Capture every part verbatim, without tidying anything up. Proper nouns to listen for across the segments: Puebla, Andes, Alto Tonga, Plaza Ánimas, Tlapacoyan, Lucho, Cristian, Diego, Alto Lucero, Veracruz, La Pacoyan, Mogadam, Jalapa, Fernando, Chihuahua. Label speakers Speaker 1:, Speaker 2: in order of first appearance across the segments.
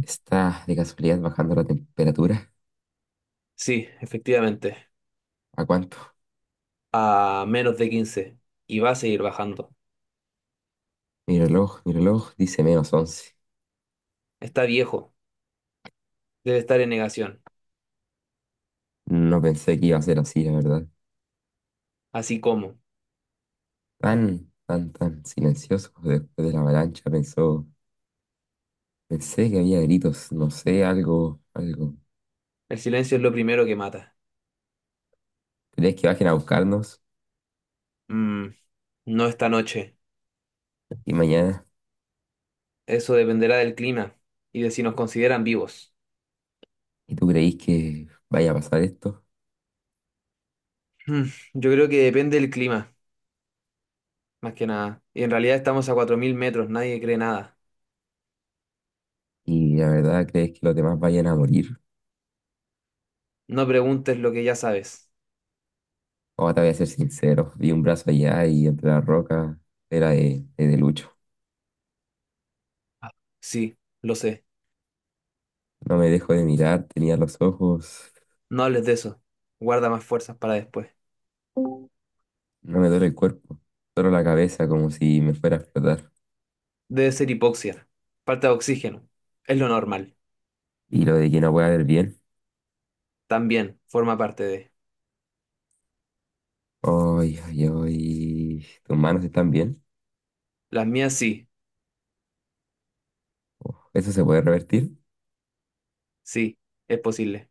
Speaker 1: Está de casualidad bajando la temperatura.
Speaker 2: Sí, efectivamente,
Speaker 1: ¿A cuánto?
Speaker 2: a menos de quince y va a seguir bajando.
Speaker 1: Mi reloj, mi reloj dice menos once.
Speaker 2: Está viejo, debe estar en negación,
Speaker 1: No pensé que iba a ser así, la verdad.
Speaker 2: así como
Speaker 1: Tan, tan, tan silencioso después de la avalancha, pensó. Pensé que había gritos, no sé, algo, algo.
Speaker 2: el silencio es lo primero que mata.
Speaker 1: ¿Crees que bajen a buscarnos?
Speaker 2: Mm, no esta noche,
Speaker 1: Y mañana,
Speaker 2: eso dependerá del clima y de si nos consideran vivos.
Speaker 1: ¿y tú creís que vaya a pasar esto?
Speaker 2: Mm, yo creo que depende del clima, más que nada. Y en realidad estamos a cuatro mil metros, nadie cree nada.
Speaker 1: ¿Y la verdad crees que los demás vayan a morir?
Speaker 2: No preguntes lo que ya sabes.
Speaker 1: Ahora te voy a ser sincero, vi un brazo allá y entre la roca era de, de de Lucho.
Speaker 2: Sí, lo sé.
Speaker 1: No me dejo de mirar, tenía los ojos.
Speaker 2: No hables de eso. Guarda más fuerzas para después.
Speaker 1: No me duele el cuerpo, solo la cabeza como si me fuera a explotar.
Speaker 2: Debe ser hipoxia, falta de oxígeno. Es lo normal.
Speaker 1: Y lo de que no pueda ver bien.
Speaker 2: También forma parte de.
Speaker 1: Ay, ay, ay. ¿Tus manos están bien?
Speaker 2: Las mías sí,
Speaker 1: Uf, ¿eso se puede revertir?
Speaker 2: sí, es posible.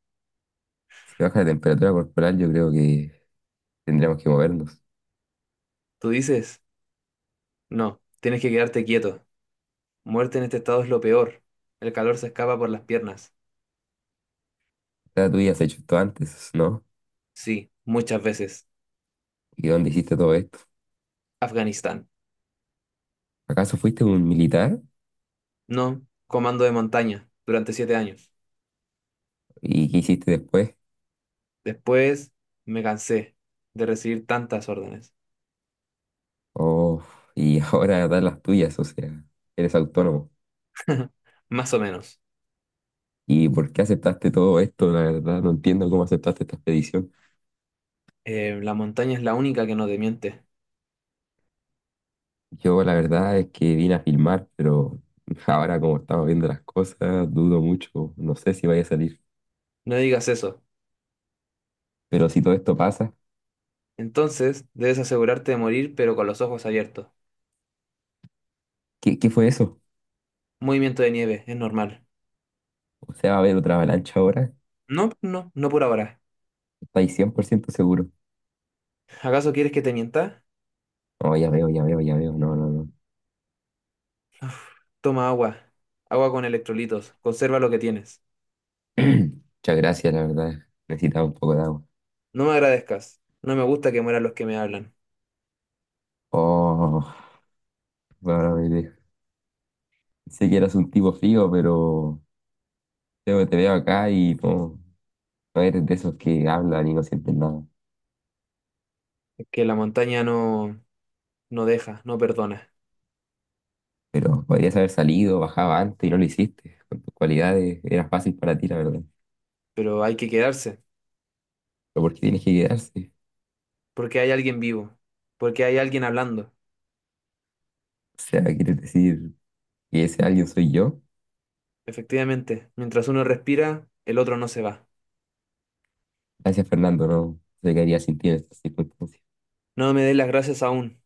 Speaker 1: Si baja la temperatura corporal, yo creo que tendríamos que movernos. O
Speaker 2: ¿Tú dices? No, tienes que quedarte quieto. Muerte en este estado es lo peor. El calor se escapa por las piernas.
Speaker 1: sea, tú ya has hecho esto antes, ¿no?
Speaker 2: Sí, muchas veces.
Speaker 1: ¿Y dónde hiciste todo esto?
Speaker 2: Afganistán.
Speaker 1: ¿Acaso fuiste un militar?
Speaker 2: No, comando de montaña, durante siete años.
Speaker 1: ¿Y qué hiciste después?
Speaker 2: Después me cansé de recibir tantas órdenes.
Speaker 1: Oh, y ahora das las tuyas, o sea, eres autónomo.
Speaker 2: Más o menos.
Speaker 1: ¿Y por qué aceptaste todo esto? La verdad, no entiendo cómo aceptaste esta expedición.
Speaker 2: Eh, la montaña es la única que no te miente.
Speaker 1: Yo la verdad es que vine a filmar, pero ahora como estamos viendo las cosas, dudo mucho, no sé si vaya a salir.
Speaker 2: No digas eso.
Speaker 1: Pero si todo esto pasa,
Speaker 2: Entonces, debes asegurarte de morir, pero con los ojos abiertos.
Speaker 1: ¿qué, qué fue eso?
Speaker 2: Movimiento de nieve, es normal.
Speaker 1: O sea, ¿va a haber otra avalancha ahora?
Speaker 2: No, no, no por ahora.
Speaker 1: ¿Estáis cien por ciento seguro?
Speaker 2: ¿Acaso quieres que te mienta?
Speaker 1: No, ya veo, ya veo, ya veo, no, no, no.
Speaker 2: Toma agua. Agua con electrolitos. Conserva lo que tienes.
Speaker 1: Muchas gracias, la verdad, necesitaba un poco de agua.
Speaker 2: No me agradezcas. No me gusta que mueran los que me hablan.
Speaker 1: Oh, bueno, me sé que eras un tipo frío, pero te, te veo acá y no, no eres de esos que hablan y no sienten nada.
Speaker 2: Es que la montaña no, no deja, no perdona.
Speaker 1: Pero podrías haber salido, bajaba antes y no lo hiciste. Con tus cualidades era fácil para ti, la verdad.
Speaker 2: Pero hay que quedarse,
Speaker 1: Pero ¿por qué tienes que quedarse?
Speaker 2: porque hay alguien vivo, porque hay alguien hablando.
Speaker 1: O sea, ¿quieres decir que ese alguien soy yo?
Speaker 2: Efectivamente, mientras uno respira, el otro no se va.
Speaker 1: Gracias, Fernando, no se quedaría sin ti en estas circunstancias.
Speaker 2: No me des las gracias aún.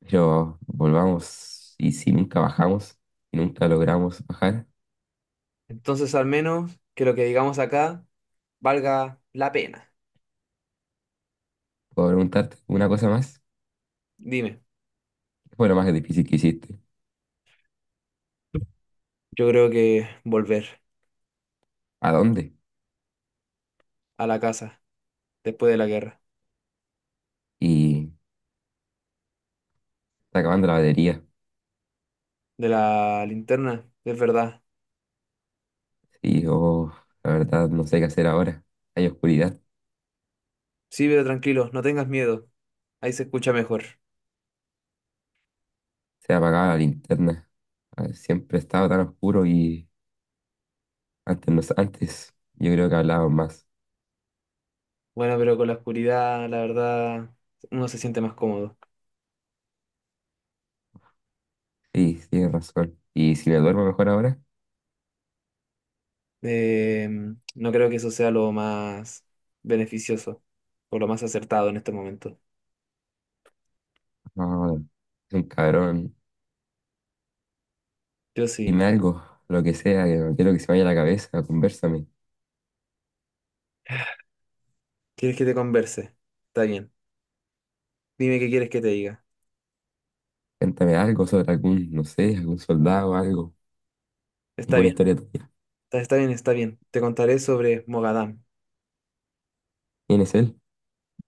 Speaker 1: Pero volvamos, y si nunca bajamos, y nunca logramos bajar,
Speaker 2: Entonces, al menos que lo que digamos acá valga la pena.
Speaker 1: puedo preguntarte una cosa más.
Speaker 2: Dime,
Speaker 1: ¿Qué fue lo más difícil que hiciste?
Speaker 2: yo creo que volver
Speaker 1: ¿A dónde?
Speaker 2: a la casa después de la guerra.
Speaker 1: Y está acabando la batería.
Speaker 2: De la linterna, es verdad.
Speaker 1: Y yo, la verdad, no sé qué hacer ahora. Hay oscuridad.
Speaker 2: Sí, pero tranquilo, no tengas miedo. Ahí se escucha mejor.
Speaker 1: Se ha apagado la linterna. Ah, siempre estaba tan oscuro y antes, no, antes yo creo que hablábamos más.
Speaker 2: Bueno, pero con la oscuridad, la verdad, uno se siente más cómodo.
Speaker 1: Sí, tienes razón. Y si me duermo mejor ahora,
Speaker 2: Eh, no creo que eso sea lo más beneficioso o lo más acertado en este momento.
Speaker 1: no, es un cabrón.
Speaker 2: Yo sí.
Speaker 1: Dime algo, lo que sea, que no quiero que se me vaya la cabeza, conversame.
Speaker 2: ¿Quieres que te converse? Está bien. Dime qué quieres que te diga.
Speaker 1: Cuéntame algo sobre algún, no sé, algún soldado, algo,
Speaker 2: Está
Speaker 1: alguna
Speaker 2: bien,
Speaker 1: historia tuya.
Speaker 2: está, está bien, está bien. Te contaré sobre Mogadam,
Speaker 1: ¿Quién es él?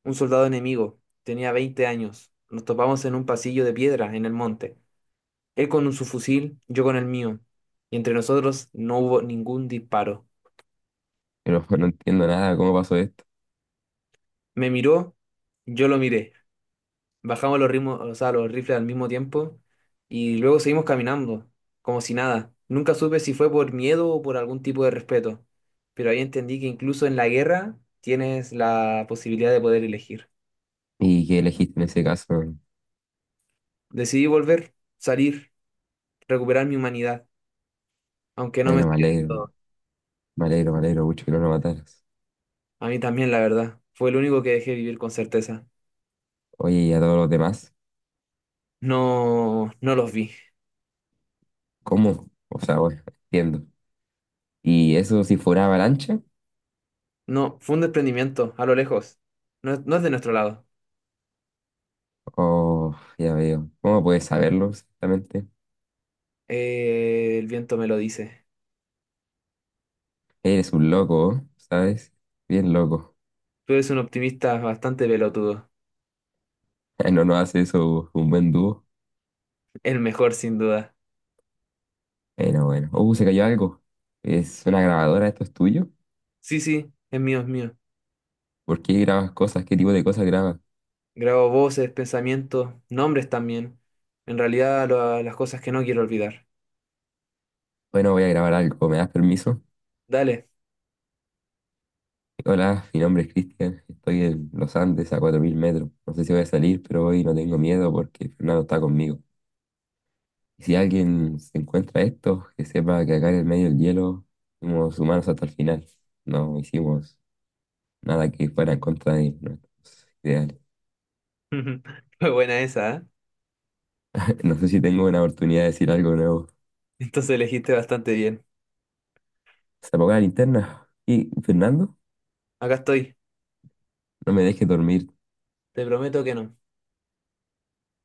Speaker 2: un soldado enemigo. Tenía veinte años. Nos topamos en un pasillo de piedra en el monte. Él con su fusil, yo con el mío, y entre nosotros no hubo ningún disparo.
Speaker 1: Pero no entiendo nada, ¿cómo pasó esto?
Speaker 2: Me miró, yo lo miré. Bajamos los ritmos, o sea, los rifles al mismo tiempo y luego seguimos caminando, como si nada. Nunca supe si fue por miedo o por algún tipo de respeto, pero ahí entendí que incluso en la guerra tienes la posibilidad de poder elegir.
Speaker 1: ¿Y qué elegiste en ese caso?
Speaker 2: Decidí volver, salir, recuperar mi humanidad, aunque no me
Speaker 1: Bueno, me
Speaker 2: salió del
Speaker 1: alegro,
Speaker 2: todo.
Speaker 1: me alegro, me alegro mucho que no lo mataras.
Speaker 2: A mí también, la verdad, fue el único que dejé vivir con certeza.
Speaker 1: Oye, ¿y a todos los demás?
Speaker 2: No, no los vi.
Speaker 1: ¿Cómo? O sea, bueno, entiendo. ¿Y eso si fuera avalancha?
Speaker 2: No, fue un desprendimiento, a lo lejos. No, es no es de nuestro lado.
Speaker 1: Oh, ya veo. ¿Cómo puedes saberlo exactamente?
Speaker 2: Eh, el viento me lo dice.
Speaker 1: Eres un loco, ¿eh? ¿Sabes? Bien loco.
Speaker 2: Tú eres un optimista bastante pelotudo.
Speaker 1: No nos hace eso un buen dúo.
Speaker 2: El mejor, sin duda.
Speaker 1: Bueno, bueno. Uh, se cayó algo. ¿Es una grabadora? ¿Esto es tuyo?
Speaker 2: Sí, sí, es mío, es mío.
Speaker 1: ¿Por qué grabas cosas? ¿Qué tipo de cosas grabas?
Speaker 2: Grabo voces, pensamientos, nombres también. En realidad, lo- las cosas que no quiero olvidar.
Speaker 1: Bueno, voy a grabar algo. ¿Me das permiso?
Speaker 2: Dale.
Speaker 1: Hola, mi nombre es Cristian. Estoy en los Andes a cuatro mil metros. No sé si voy a salir, pero hoy no tengo miedo porque Fernando está conmigo. Y si alguien se encuentra esto, que sepa que acá en el medio del hielo fuimos humanos hasta el final. No hicimos nada que fuera en contra de nuestros ideales.
Speaker 2: Fue buena esa, ¿eh?
Speaker 1: No sé si tengo una oportunidad de decir algo nuevo.
Speaker 2: Entonces elegiste bastante bien.
Speaker 1: Se apagó la linterna. Y Fernando,
Speaker 2: Acá estoy.
Speaker 1: no me dejes dormir.
Speaker 2: Te prometo que no.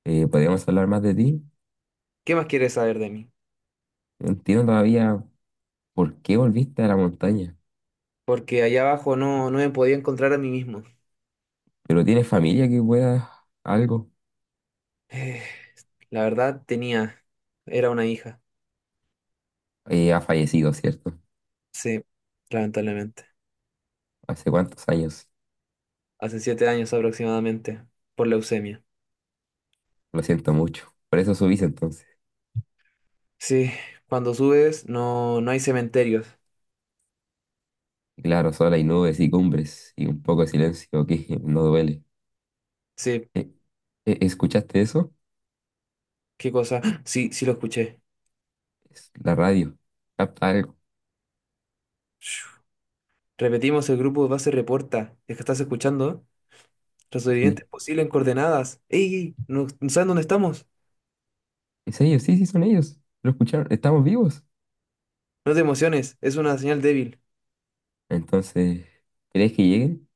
Speaker 1: Eh, ¿podríamos hablar más de ti?
Speaker 2: ¿Qué más quieres saber de mí?
Speaker 1: No entiendo todavía por qué volviste a la montaña.
Speaker 2: Porque allá abajo no, no me podía encontrar a mí mismo.
Speaker 1: Pero tienes familia que pueda algo.
Speaker 2: Eh, la verdad tenía, era una hija,
Speaker 1: Eh, ha fallecido, ¿cierto?
Speaker 2: sí, lamentablemente,
Speaker 1: ¿Hace cuántos años?
Speaker 2: hace siete años aproximadamente, por leucemia.
Speaker 1: Lo siento mucho. Por eso subís entonces.
Speaker 2: Sí, cuando subes no, no hay cementerios.
Speaker 1: Claro, solo hay nubes y cumbres y un poco de silencio que no duele.
Speaker 2: Sí,
Speaker 1: Eh, eh, ¿escuchaste eso?
Speaker 2: qué cosa. ¡Ah! Sí, sí lo escuché.
Speaker 1: Es la radio. Capta algo.
Speaker 2: Shhh. Repetimos, el grupo de base reporta. Es que estás escuchando. Los
Speaker 1: Sí,
Speaker 2: sobrevivientes posibles en coordenadas. ¡Ey! ¡Ey! ¿No, no saben dónde estamos?
Speaker 1: es ellos, sí, sí, son ellos. Lo escucharon, estamos vivos.
Speaker 2: No te emociones, es una señal débil.
Speaker 1: Entonces, ¿crees que lleguen?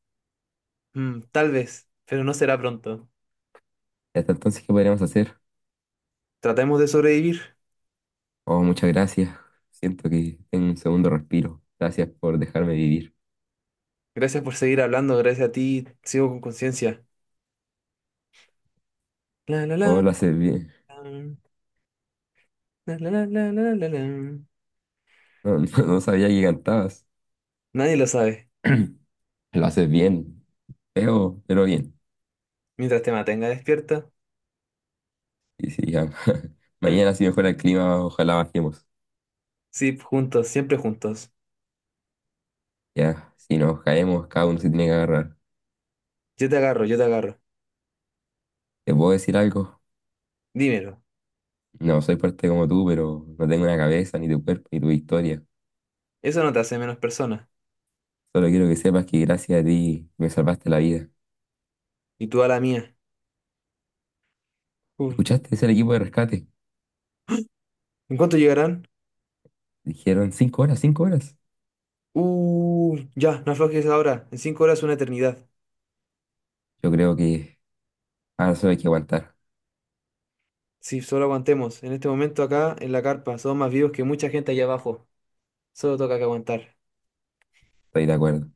Speaker 2: Mm, tal vez, pero no será pronto.
Speaker 1: Y hasta entonces, ¿qué podríamos hacer?
Speaker 2: Tratemos de sobrevivir.
Speaker 1: Oh, muchas gracias. Siento que tengo un segundo respiro. Gracias por dejarme vivir.
Speaker 2: Gracias por seguir hablando, gracias a ti. Sigo con conciencia. La, la,
Speaker 1: Oh,
Speaker 2: la,
Speaker 1: lo haces bien.
Speaker 2: la, la, la, la, la, la, la.
Speaker 1: No, no, no sabía que cantabas.
Speaker 2: Nadie lo sabe.
Speaker 1: Lo haces bien. Feo, pero bien.
Speaker 2: Mientras te mantenga despierta.
Speaker 1: Y sí, ya. Mañana, si mejora el clima, ojalá bajemos.
Speaker 2: Sí, juntos, siempre juntos.
Speaker 1: Ya, si nos caemos, cada uno se tiene que agarrar.
Speaker 2: Yo te agarro, yo te agarro.
Speaker 1: ¿Te puedo decir algo?
Speaker 2: Dímelo.
Speaker 1: No soy fuerte como tú, pero no tengo una cabeza, ni tu cuerpo, ni tu historia.
Speaker 2: Eso no te hace menos persona.
Speaker 1: Solo quiero que sepas que gracias a ti me salvaste la vida.
Speaker 2: Y tú a la mía. Uf.
Speaker 1: ¿Escuchaste? Es el equipo de rescate.
Speaker 2: ¿En cuánto llegarán?
Speaker 1: Dijeron cinco horas, cinco horas.
Speaker 2: Uh, ya, no aflojes ahora. En cinco horas una eternidad.
Speaker 1: Yo creo que ahora solo hay que aguantar.
Speaker 2: Si solo aguantemos. En este momento acá, en la carpa, somos más vivos que mucha gente allá abajo. Solo toca que aguantar.
Speaker 1: Estoy de acuerdo.